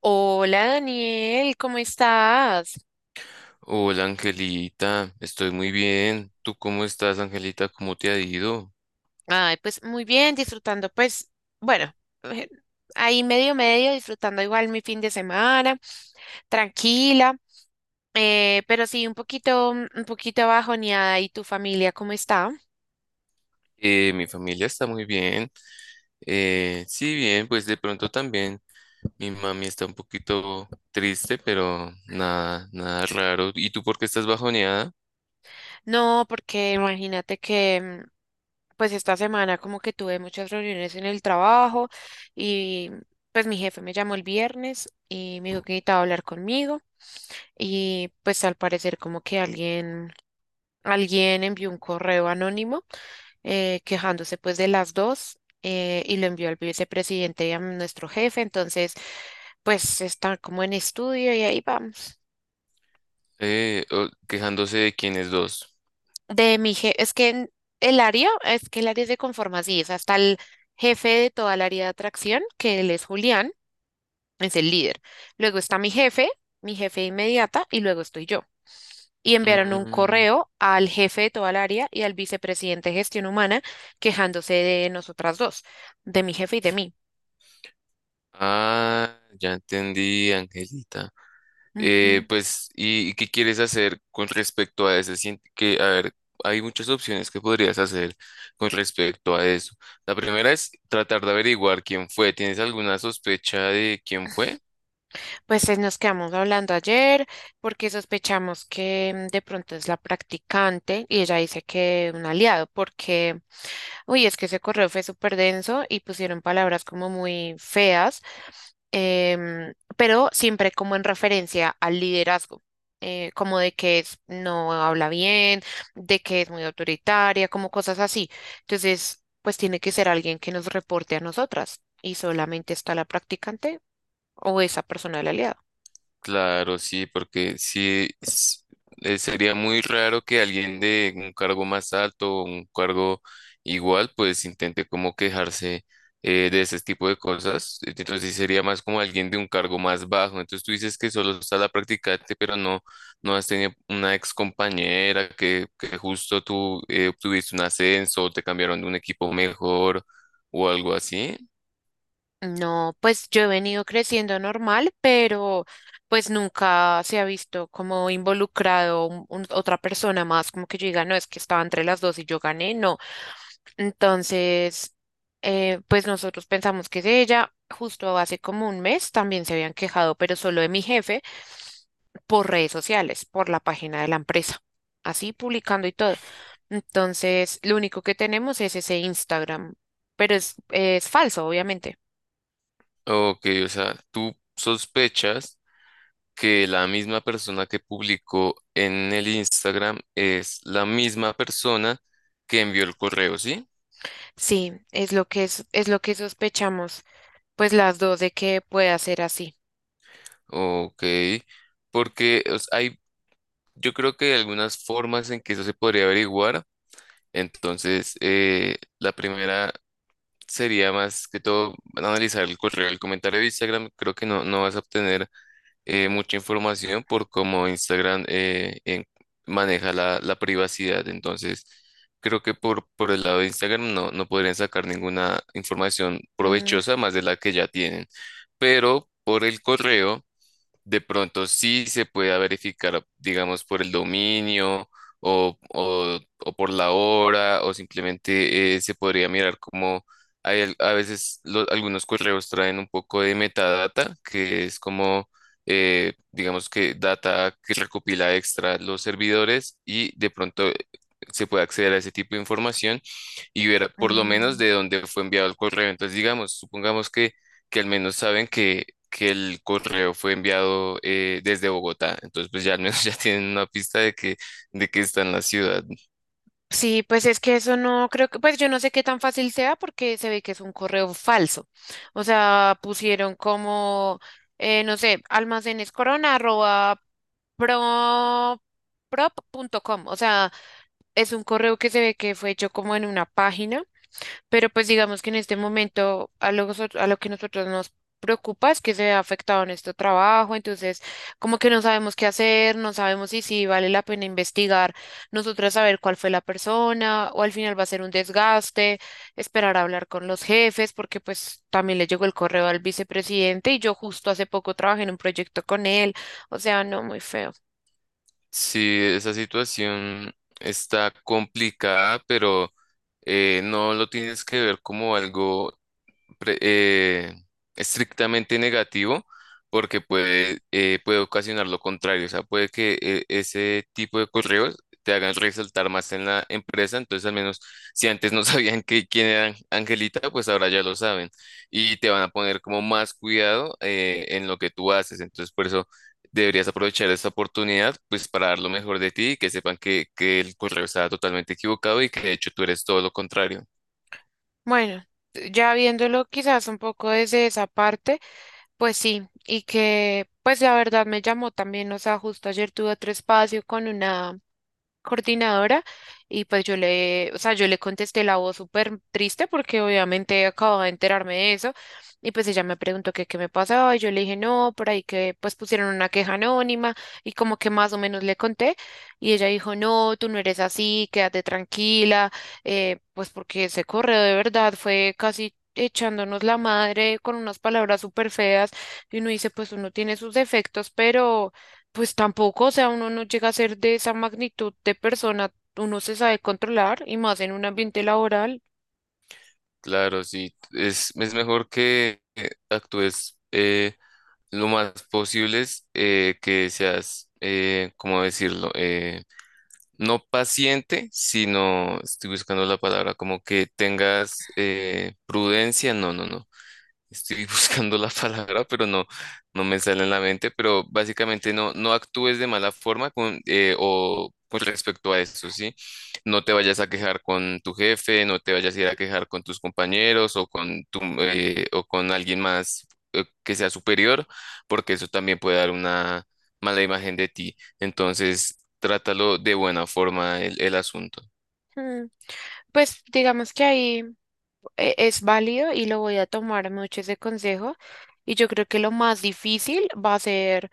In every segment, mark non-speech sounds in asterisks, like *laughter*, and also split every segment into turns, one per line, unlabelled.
Hola Daniel, ¿cómo estás?
Hola Angelita, estoy muy bien. ¿Tú cómo estás, Angelita? ¿Cómo te ha ido?
Ay, pues muy bien, disfrutando, pues, bueno, eh, ahí medio medio, disfrutando igual mi fin de semana, tranquila, pero sí un poquito bajoneada. ¿Y tu familia cómo está?
Mi familia está muy bien. Sí, bien, pues de pronto también mi mami está un poquito triste, pero nada, nada raro. ¿Y tú por qué estás bajoneada?
No, porque imagínate que pues esta semana como que tuve muchas reuniones en el trabajo, y pues mi jefe me llamó el viernes y me dijo que necesitaba hablar conmigo. Y pues al parecer como que alguien envió un correo anónimo, quejándose pues de las dos, y lo envió al vicepresidente y a nuestro jefe. Entonces pues está como en estudio y ahí va.
Quejándose de quiénes dos.
De mi jefe. Es que el área, es que el área se conforma así, es hasta el jefe de toda el área de atracción, que él es Julián, es el líder. Luego está mi jefe inmediata, y luego estoy yo. Y enviaron un
Mm,
correo al jefe de toda el área y al vicepresidente de gestión humana, quejándose de nosotras dos, de mi jefe y de mí.
ah, ya entendí, Angelita.
Ujú.
Pues, ¿y qué quieres hacer con respecto a eso? Que, a ver, hay muchas opciones que podrías hacer con respecto a eso. La primera es tratar de averiguar quién fue. ¿Tienes alguna sospecha de quién fue?
Pues nos quedamos hablando ayer porque sospechamos que de pronto es la practicante, y ella dice que un aliado. Porque uy, es que ese correo fue súper denso y pusieron palabras como muy feas, pero siempre como en referencia al liderazgo, como de que no habla bien, de que es muy autoritaria, como cosas así. Entonces, pues tiene que ser alguien que nos reporte a nosotras, y solamente está la practicante o esa persona de la alianza.
Claro, sí, porque sí sería muy raro que alguien de un cargo más alto o un cargo igual, pues intente como quejarse de ese tipo de cosas. Entonces sí sería más como alguien de un cargo más bajo. Entonces tú dices que solo está la practicante, pero no, no has tenido una ex compañera que justo tú obtuviste un ascenso o te cambiaron de un equipo mejor o algo así.
No, pues yo he venido creciendo normal, pero pues nunca se ha visto como involucrado otra persona más, como que yo diga, no, es que estaba entre las dos y yo gané, no. Entonces, pues nosotros pensamos que es ella. Justo hace como un mes también se habían quejado, pero solo de mi jefe, por redes sociales, por la página de la empresa, así publicando y todo. Entonces, lo único que tenemos es ese Instagram, pero es falso, obviamente.
Ok, o sea, tú sospechas que la misma persona que publicó en el Instagram es la misma persona que envió el correo, ¿sí?
Sí, es lo que sospechamos, pues las dos, de que pueda ser así.
Ok, porque o sea, yo creo que hay algunas formas en que eso se podría averiguar. Entonces, la primera sería más que todo analizar el correo, el comentario de Instagram. Creo que no, no vas a obtener mucha información por cómo Instagram maneja la privacidad. Entonces, creo que por el lado de Instagram no, no podrían sacar ninguna información
Mm,
provechosa más de la que ya tienen. Pero por el correo de pronto sí se pueda verificar, digamos, por el dominio o por la hora, o simplemente se podría mirar como a veces algunos correos traen un poco de metadata, que es como, digamos que data que recopila extra los servidores y de pronto se puede acceder a ese tipo de información y ver por lo menos
mm.
de dónde fue enviado el correo. Entonces, digamos, supongamos que al menos saben que el correo fue enviado desde Bogotá. Entonces, pues ya al menos *laughs* ya tienen una pista de que está en la ciudad.
Sí, pues es que eso no creo que, pues yo no sé qué tan fácil sea porque se ve que es un correo falso. O sea, pusieron como, no sé, almacenes corona arroba pro, prop punto com. O sea, es un correo que se ve que fue hecho como en una página. Pero pues digamos que en este momento a lo, a lo que nosotros nos preocupa es que se ha afectado nuestro trabajo. Entonces como que no sabemos qué hacer, no sabemos si, si vale la pena investigar, nosotras saber cuál fue la persona, o al final va a ser un desgaste esperar a hablar con los jefes, porque pues también le llegó el correo al vicepresidente, y yo justo hace poco trabajé en un proyecto con él. O sea, no, muy feo.
Sí, esa situación está complicada, pero no lo tienes que ver como algo pre- eh, estrictamente negativo porque puede ocasionar lo contrario. O sea, puede que ese tipo de correos te hagan resaltar más en la empresa. Entonces, al menos si antes no *laughs* sabían quién era Angelita, pues ahora ya lo saben y te van a poner como más cuidado en lo que tú haces. Entonces, por eso deberías aprovechar esta oportunidad pues para dar lo mejor de ti y que sepan que el correo está totalmente equivocado y que de hecho tú eres todo lo contrario.
Bueno, ya viéndolo quizás un poco desde esa parte. Pues sí, y que pues la verdad me llamó también, o sea, justo ayer tuve otro espacio con una coordinadora, y pues yo le, o sea, yo le contesté la voz súper triste porque obviamente acababa de enterarme de eso, y pues ella me preguntó que qué me pasaba, y yo le dije no, por ahí que pues pusieron una queja anónima, y como que más o menos le conté. Y ella dijo no, tú no eres así, quédate tranquila, pues porque ese correo de verdad fue casi... echándonos la madre con unas palabras súper feas. Y uno dice pues uno tiene sus defectos, pero pues tampoco, o sea, uno no llega a ser de esa magnitud de persona, uno se sabe controlar y más en un ambiente laboral.
Claro, sí, es mejor que actúes lo más posible, que seas, ¿cómo decirlo? No paciente, sino, estoy buscando la palabra, como que tengas prudencia, no, no, no. Estoy *laughs* buscando la palabra, pero no, no me sale en la mente, pero básicamente no, no actúes de mala forma o con respecto a eso, ¿sí? No te vayas a quejar con tu jefe, no te vayas a ir a quejar con tus compañeros o o con alguien más que sea superior, porque eso también puede dar una mala imagen de ti. Entonces, trátalo de buena forma el asunto.
Mm. Pues digamos que ahí es válido y lo voy a tomar mucho ese consejo. Y yo creo que lo más difícil va a ser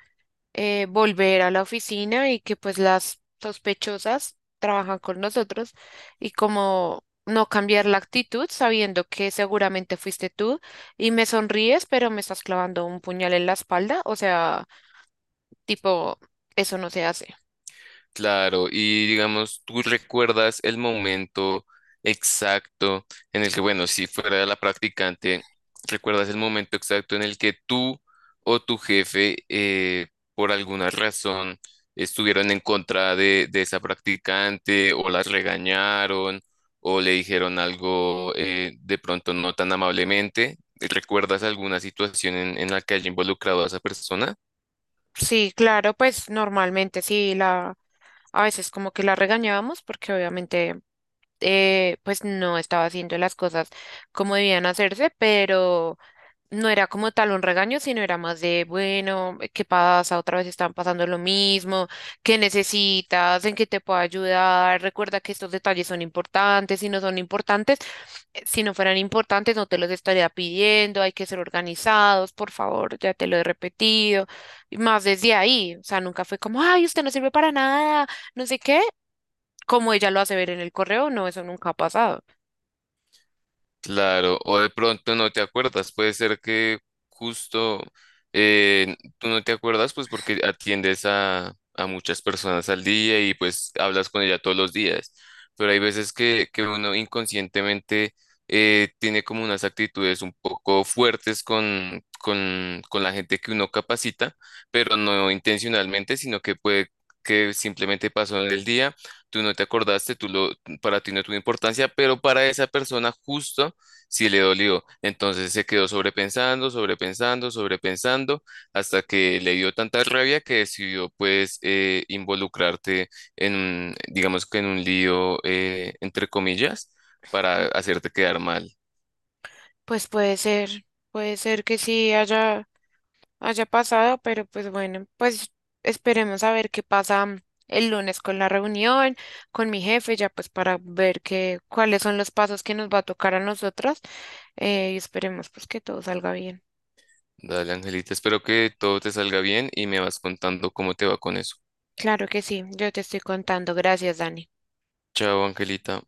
volver a la oficina, y que pues las sospechosas trabajan con nosotros, y como no cambiar la actitud sabiendo que seguramente fuiste tú y me sonríes, pero me estás clavando un puñal en la espalda, o sea... Tipo, eso no se hace.
Claro, y digamos, ¿tú recuerdas el momento exacto en el que, bueno, si fuera la practicante, recuerdas el momento exacto en el que tú o tu jefe, por alguna razón, estuvieron en contra de esa practicante o las regañaron o le dijeron algo de pronto no tan amablemente? ¿Recuerdas alguna situación en la que haya involucrado a esa persona?
Sí, claro, pues normalmente sí, la, a veces como que la regañábamos porque obviamente pues no estaba haciendo las cosas como debían hacerse, pero... No era como tal un regaño, sino era más de, bueno, ¿qué pasa? Otra vez están pasando lo mismo, ¿qué necesitas? ¿En qué te puedo ayudar? Recuerda que estos detalles son importantes, si no son importantes, si no fueran importantes, no te los estaría pidiendo, hay que ser organizados, por favor, ya te lo he repetido. Y más desde ahí, o sea, nunca fue como, ay, usted no sirve para nada, no sé qué, como ella lo hace ver en el correo, no, eso nunca ha pasado.
Claro, o de pronto no te acuerdas, puede ser que justo tú no te acuerdas pues porque atiendes a muchas personas al día y pues hablas con ella todos los días, pero hay veces que uno inconscientemente tiene como unas actitudes un poco fuertes con la gente que uno capacita, pero no intencionalmente, sino que puede que simplemente pasó en el día, tú no te acordaste, para ti no tuvo importancia, pero para esa persona justo si le dolió. Entonces se quedó sobrepensando, sobrepensando, sobrepensando, hasta que le dio tanta rabia que decidió pues involucrarte digamos que en un lío, entre comillas, para hacerte quedar mal.
Pues puede ser que sí haya. Haya pasado, pero pues bueno, pues esperemos a ver qué pasa el lunes con la reunión, con mi jefe. Ya pues para ver qué, cuáles son los pasos que nos va a tocar a nosotros, y esperemos pues que todo salga bien.
Dale, Angelita, espero que todo te salga bien y me vas contando cómo te va con eso.
Claro que sí, yo te estoy contando. Gracias, Dani.
Chao, Angelita.